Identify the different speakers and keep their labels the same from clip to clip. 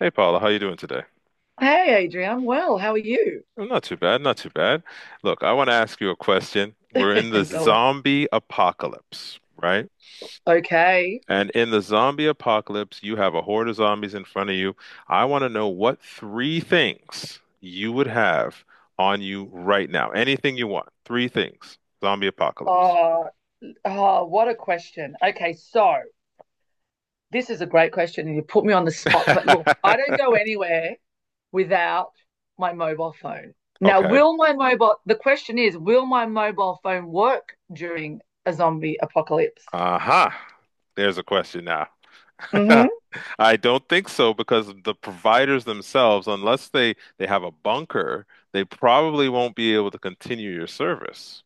Speaker 1: Hey Paula, how you doing today?
Speaker 2: Hey, Adrian, I'm well. How are you?
Speaker 1: Oh, not too bad, not too bad. Look, I want to ask you a question. We're in the
Speaker 2: And going,
Speaker 1: zombie apocalypse, right?
Speaker 2: okay.
Speaker 1: And in the zombie apocalypse, you have a horde of zombies in front of you. I want to know what three things you would have on you right now. Anything you want. Three things. Zombie apocalypse.
Speaker 2: Oh, oh, what a question. Okay, so this is a great question, and you put me on the spot. But look, I don't go anywhere without my mobile phone. Now,
Speaker 1: Okay.
Speaker 2: will my mobile, the question is, will my mobile phone work during a zombie apocalypse?
Speaker 1: Uh-huh. There's a question now.
Speaker 2: Mm-hmm.
Speaker 1: I don't think so because the providers themselves, unless they have a bunker, they probably won't be able to continue your service.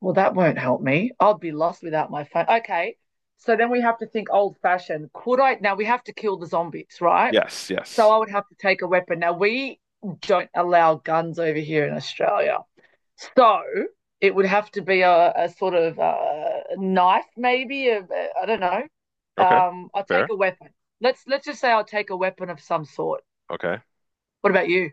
Speaker 2: Well, that won't help me. I'll be lost without my phone. Okay. So then we have to think old fashioned. Could I? Now we have to kill the zombies, right?
Speaker 1: Yes,
Speaker 2: So
Speaker 1: yes.
Speaker 2: I would have to take a weapon. Now we don't allow guns over here in Australia. So it would have to be a sort of knife, maybe. I don't know.
Speaker 1: Okay.
Speaker 2: I'll take
Speaker 1: Fair.
Speaker 2: a weapon. Let's just say I'll take a weapon of some sort.
Speaker 1: Okay.
Speaker 2: What about you?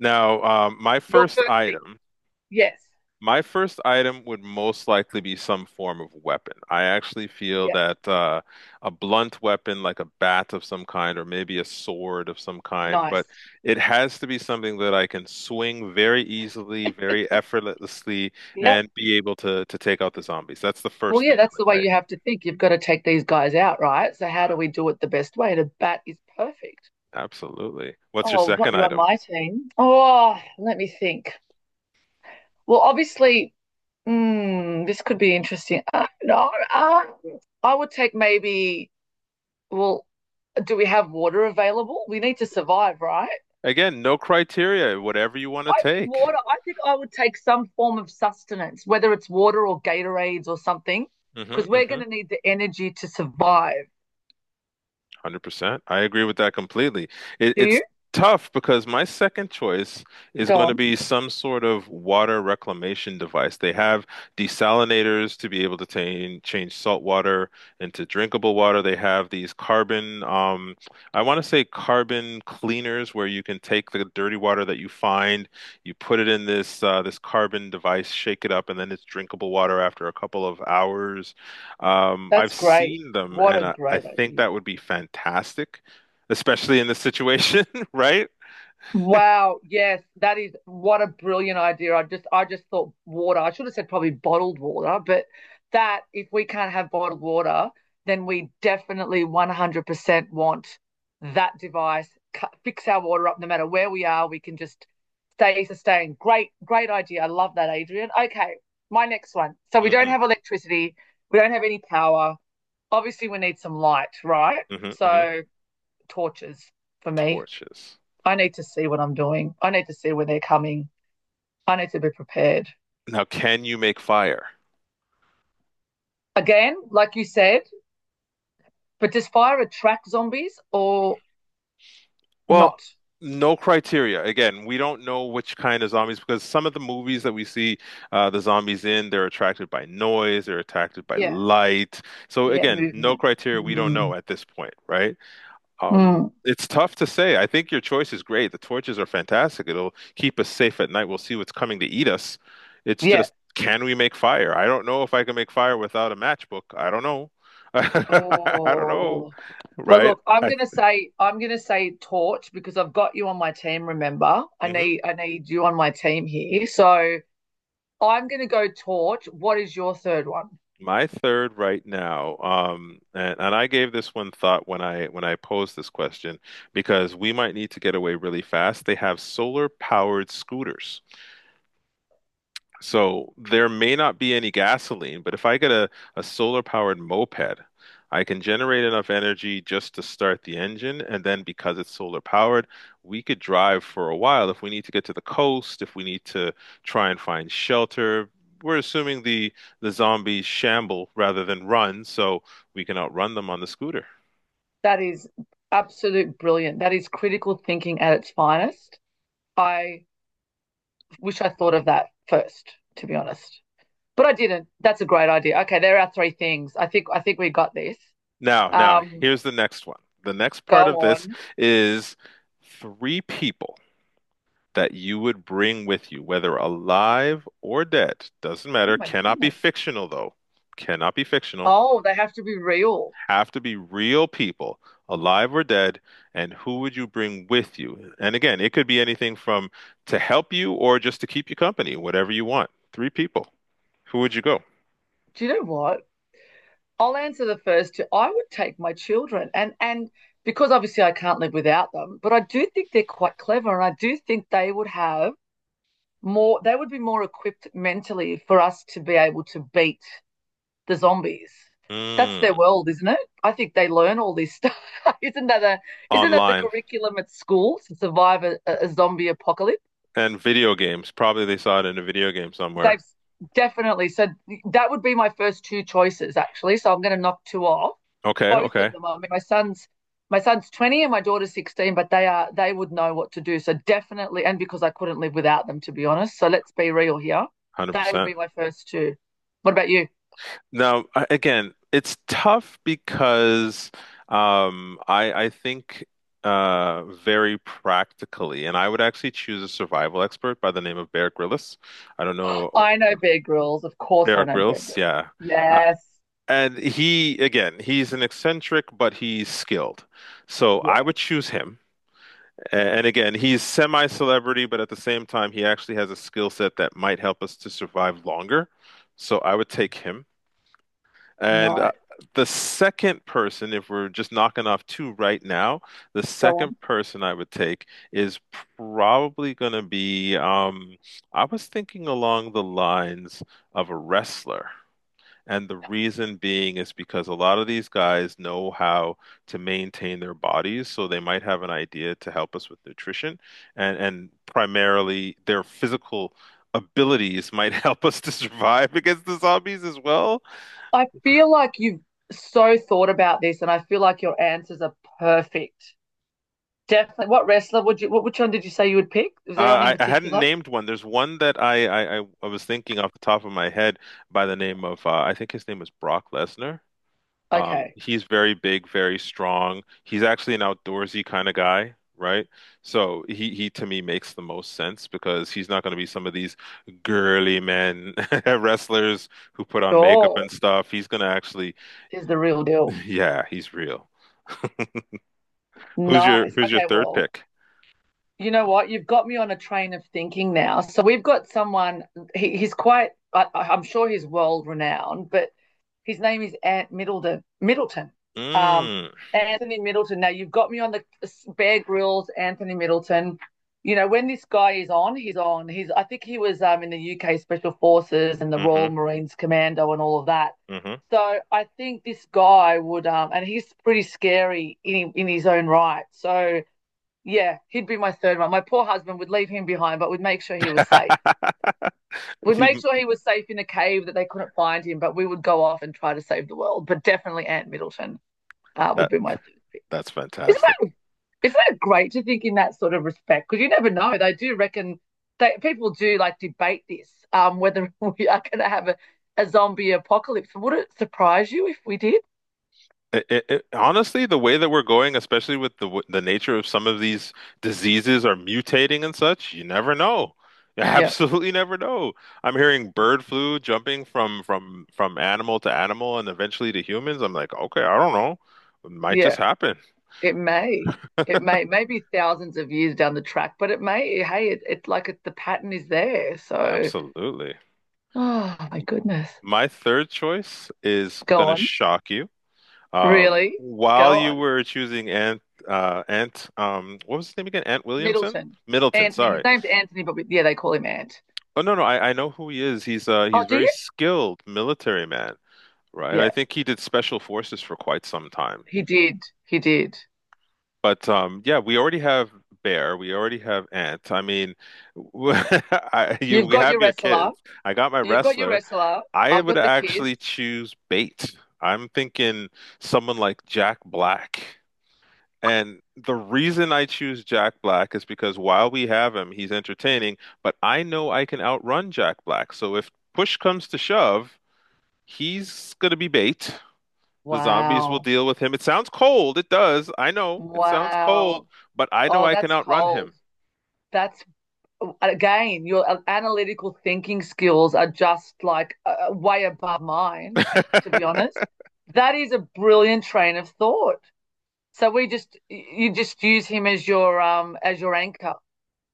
Speaker 1: Now, my
Speaker 2: Your
Speaker 1: first
Speaker 2: first thing.
Speaker 1: item.
Speaker 2: Yes.
Speaker 1: My first item would most likely be some form of weapon. I actually feel
Speaker 2: Yeah.
Speaker 1: that a blunt weapon, like a bat of some kind, or maybe a sword of some kind, but
Speaker 2: Nice.
Speaker 1: it has to be something that I can swing very easily, very effortlessly,
Speaker 2: Yep.
Speaker 1: and be able to take out the zombies. That's the
Speaker 2: Well,
Speaker 1: first
Speaker 2: yeah,
Speaker 1: thing I
Speaker 2: that's the way
Speaker 1: would
Speaker 2: you
Speaker 1: take.
Speaker 2: have to think. You've got to take these guys out, right? So how do we do it the best way? The bat is perfect.
Speaker 1: Absolutely. What's your
Speaker 2: Oh, not
Speaker 1: second
Speaker 2: you on
Speaker 1: item?
Speaker 2: my team. Oh, let me think. Well, obviously, this could be interesting. No, I would take maybe. Well, do we have water available? We need to survive, right?
Speaker 1: Again, no criteria, whatever you want to
Speaker 2: I think
Speaker 1: take.
Speaker 2: water. I think I would take some form of sustenance, whether it's water or Gatorades or something,
Speaker 1: hmm
Speaker 2: because we're going
Speaker 1: hmm
Speaker 2: to need the energy to survive.
Speaker 1: 100%. I agree with that completely. It,
Speaker 2: Do
Speaker 1: it's
Speaker 2: you?
Speaker 1: tough because my second choice is
Speaker 2: Go
Speaker 1: going to
Speaker 2: on.
Speaker 1: be some sort of water reclamation device. They have desalinators to be able to change salt water into drinkable water. They have these carbon, I want to say carbon cleaners where you can take the dirty water that you find, you put it in this carbon device, shake it up, and then it's drinkable water after a couple of hours. I've
Speaker 2: That's great.
Speaker 1: seen them,
Speaker 2: What
Speaker 1: and
Speaker 2: a
Speaker 1: I
Speaker 2: great
Speaker 1: think
Speaker 2: idea.
Speaker 1: that would be fantastic, especially in this situation, right?
Speaker 2: Wow, yes, that is what a brilliant idea. I just thought water. I should have said probably bottled water, but that if we can't have bottled water, then we definitely 100% want that device. Fix our water up no matter where we are. We can just stay sustained. Great, great idea. I love that, Adrian. Okay, my next one. So we don't
Speaker 1: hmm
Speaker 2: have electricity. We don't have any power. Obviously, we need some light, right?
Speaker 1: hmm hmm
Speaker 2: So tortures for me.
Speaker 1: Torches.
Speaker 2: I need to see what I'm doing. I need to see when they're coming. I need to be prepared.
Speaker 1: Now, can you make fire?
Speaker 2: Again, like you said, but does fire attract zombies or
Speaker 1: Well,
Speaker 2: not?
Speaker 1: no criteria. Again, we don't know which kind of zombies because some of the movies that we see the zombies in, they're attracted by noise, they're attracted by
Speaker 2: Yeah,
Speaker 1: light. So
Speaker 2: yeah,
Speaker 1: again, no
Speaker 2: movement.
Speaker 1: criteria. We don't know
Speaker 2: Mm.
Speaker 1: at this point, right?
Speaker 2: Mm.
Speaker 1: It's tough to say. I think your choice is great. The torches are fantastic. It'll keep us safe at night. We'll see what's coming to eat us. It's
Speaker 2: Yeah.
Speaker 1: just, can we make fire? I don't know if I can make fire without a matchbook. I don't know. I don't know,
Speaker 2: Oh. Well,
Speaker 1: right?
Speaker 2: look, I'm
Speaker 1: I
Speaker 2: gonna say I'm gonna say torch because I've got you on my team. Remember, I
Speaker 1: Mhm.
Speaker 2: need I need you on my team here. So I'm gonna go torch. What is your third one?
Speaker 1: My third right now, and I gave this one thought when I posed this question because we might need to get away really fast. They have solar powered scooters. So there may not be any gasoline, but if I a solar powered moped, I can generate enough energy just to start the engine. And then because it's solar powered, we could drive for a while. If we need to get to the coast, if we need to try and find shelter, we're assuming the zombies shamble rather than run, so we can outrun them on the scooter.
Speaker 2: That is absolute brilliant. That is critical thinking at its finest. I wish I thought of that first, to be honest. But I didn't. That's a great idea. Okay, there are three things. I think we got this.
Speaker 1: Now,
Speaker 2: Um,
Speaker 1: here's the next one. The next part of
Speaker 2: Go
Speaker 1: this
Speaker 2: on.
Speaker 1: is three people, that you would bring with you, whether alive or dead, doesn't
Speaker 2: Oh
Speaker 1: matter,
Speaker 2: my goodness.
Speaker 1: cannot be fictional,
Speaker 2: Oh, they have to be real.
Speaker 1: have to be real people, alive or dead, and who would you bring with you? And again, it could be anything from to help you or just to keep you company, whatever you want. Three people. Who would you go?
Speaker 2: Do you know what? I'll answer the first two. I would take my children and because obviously I can't live without them, but I do think they're quite clever and I do think they would have more they would be more equipped mentally for us to be able to beat the zombies. That's their
Speaker 1: Mm,
Speaker 2: world, isn't it? I think they learn all this stuff. isn't that a isn't that the
Speaker 1: online
Speaker 2: curriculum at school to survive a zombie apocalypse?
Speaker 1: and video games. Probably they saw it in a video game somewhere.
Speaker 2: They've definitely said that would be my first two choices actually. So I'm going to knock two off.
Speaker 1: Okay,
Speaker 2: Both of
Speaker 1: okay,
Speaker 2: them. I mean, my son's 20 and my daughter's 16, but they are they would know what to do. So definitely, and because I couldn't live without them, to be honest. So let's be real here. That would
Speaker 1: 100%.
Speaker 2: be my first two. What about you?
Speaker 1: Now, again, it's tough because I think very practically, and I would actually choose a survival expert by the name of Bear Grylls. I don't know.
Speaker 2: I know Bear Grylls. Of course, I
Speaker 1: Bear
Speaker 2: know Bear
Speaker 1: Grylls,
Speaker 2: Grylls.
Speaker 1: yeah. Uh,
Speaker 2: Yes.
Speaker 1: and he, again, he's an eccentric, but he's skilled. So I
Speaker 2: Yeah.
Speaker 1: would choose him. And again, he's semi-celebrity, but at the same time, he actually has a skill set that might help us to survive longer. So I would take him. And
Speaker 2: Nice.
Speaker 1: the second person, if we're just knocking off two right now, the
Speaker 2: Go
Speaker 1: second
Speaker 2: on.
Speaker 1: person I would take is probably going to be, I was thinking along the lines of a wrestler. And the reason being is because a lot of these guys know how to maintain their bodies, so they might have an idea to help us with nutrition, and primarily their physical abilities might help us to survive against the zombies as well.
Speaker 2: I feel like you've so thought about this, and I feel like your answers are perfect. Definitely. What wrestler would you? What which one did you say you would pick? Was there one in
Speaker 1: I hadn't
Speaker 2: particular?
Speaker 1: named one. There's one that I was thinking off the top of my head by the name of, I think his name is Brock Lesnar.
Speaker 2: Okay.
Speaker 1: He's very big, very strong. He's actually an outdoorsy kind of guy, right? So he to me makes the most sense because he's not going to be some of these girly men wrestlers who put on makeup
Speaker 2: Sure.
Speaker 1: and stuff. He's going to actually,
Speaker 2: Is the real deal.
Speaker 1: yeah, he's real. Who's your
Speaker 2: Nice. Okay.
Speaker 1: third
Speaker 2: Well,
Speaker 1: pick?
Speaker 2: you know what? You've got me on a train of thinking now. So we've got someone, he's quite, I'm sure he's world renowned, but his name is Ant Middleton. Middleton. Um,
Speaker 1: Mm,
Speaker 2: Anthony Middleton. Now you've got me on the Bear Grylls, Anthony Middleton. You know when this guy is on. He's I think he was in the UK Special Forces and the Royal
Speaker 1: hmm
Speaker 2: Marines Commando and all of that. So I think this guy would, and he's pretty scary in his own right. So yeah, he'd be my third one. My poor husband would leave him behind, but would make sure he was safe. We'd make sure
Speaker 1: hmm
Speaker 2: he was safe in a cave that they couldn't find him, but we would go off and try to save the world. But definitely Aunt Middleton would be my third.
Speaker 1: That's
Speaker 2: Isn't
Speaker 1: fantastic.
Speaker 2: that isn't that great to think in that sort of respect? Because you never know. They do reckon they people do like debate this whether we are going to have a zombie apocalypse. Would it surprise you if we did?
Speaker 1: Honestly, the way that we're going, especially with the the nature of some of these diseases are mutating and such, you never know. You
Speaker 2: Yeah,
Speaker 1: absolutely never know. I'm hearing bird flu jumping from animal to animal and eventually to humans. I'm like, okay, I don't know. It might
Speaker 2: yeah.
Speaker 1: just happen.
Speaker 2: It may. It may. Maybe thousands of years down the track, but it may. Hey, it, it's it, like it, the pattern is there. So,
Speaker 1: Absolutely.
Speaker 2: oh my goodness.
Speaker 1: My third choice is
Speaker 2: Go
Speaker 1: gonna
Speaker 2: on.
Speaker 1: shock you.
Speaker 2: Really?
Speaker 1: While
Speaker 2: Go
Speaker 1: you
Speaker 2: on.
Speaker 1: were choosing Ant, what was his name again? Ant Williamson?
Speaker 2: Middleton.
Speaker 1: Middleton,
Speaker 2: Anthony. His
Speaker 1: sorry.
Speaker 2: name's Anthony, but we, yeah, they call him Ant.
Speaker 1: Oh no, no, I know who he is. He's
Speaker 2: Oh, do
Speaker 1: very
Speaker 2: you?
Speaker 1: skilled military man, right? I
Speaker 2: Yeah,
Speaker 1: think he did special forces for quite some time.
Speaker 2: he did. He did.
Speaker 1: But yeah, we already have Bear, we already have Ant. I mean,
Speaker 2: You've
Speaker 1: we
Speaker 2: got
Speaker 1: have
Speaker 2: your
Speaker 1: your
Speaker 2: wrestler.
Speaker 1: kids. I got my
Speaker 2: You've got your
Speaker 1: wrestler.
Speaker 2: wrestler.
Speaker 1: I
Speaker 2: I've
Speaker 1: would
Speaker 2: got the kids.
Speaker 1: actually choose Bait. I'm thinking someone like Jack Black. And the reason I choose Jack Black is because while we have him, he's entertaining, but I know I can outrun Jack Black. So if push comes to shove, he's gonna be bait. The zombies will
Speaker 2: Wow.
Speaker 1: deal with him. It sounds cold. It does. I know it sounds cold,
Speaker 2: Wow.
Speaker 1: but I know
Speaker 2: Oh,
Speaker 1: I can
Speaker 2: that's
Speaker 1: outrun
Speaker 2: cold.
Speaker 1: him.
Speaker 2: That's again, your analytical thinking skills are just like way above mine, to be honest. That is a brilliant train of thought. So we just you just use him as your anchor,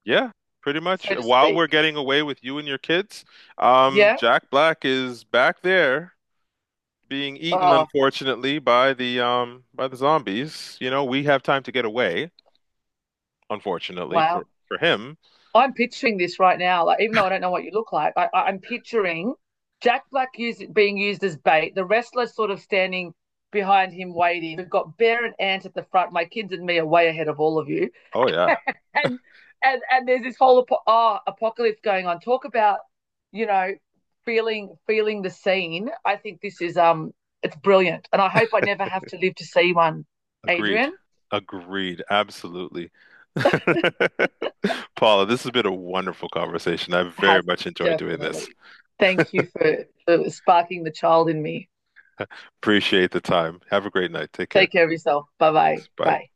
Speaker 1: Yeah, pretty much.
Speaker 2: so to
Speaker 1: While we're
Speaker 2: speak.
Speaker 1: getting away with you and your kids,
Speaker 2: Yeah.
Speaker 1: Jack Black is back there being eaten,
Speaker 2: Oh
Speaker 1: unfortunately, by the zombies. You know, we have time to get away, unfortunately, for
Speaker 2: wow.
Speaker 1: him.
Speaker 2: I'm picturing this right now. Like even though I don't know what you look like, I'm picturing Jack Black use, being used as bait. The wrestler sort of standing behind him waiting. We've got Bear and Ant at the front. My kids and me are way ahead of all of you.
Speaker 1: Oh yeah.
Speaker 2: and and there's this whole apocalypse going on. Talk about, you know, feeling the scene. I think this is it's brilliant, and I hope I never have to live to see one.
Speaker 1: Agreed.
Speaker 2: Adrian
Speaker 1: Agreed. Absolutely. Paula, this has been a wonderful conversation. I very
Speaker 2: has
Speaker 1: much enjoyed doing this.
Speaker 2: definitely. Thank you for sparking the child in me.
Speaker 1: Appreciate the time. Have a great night. Take care.
Speaker 2: Take care of yourself. Bye bye.
Speaker 1: Thanks. Bye.
Speaker 2: Bye.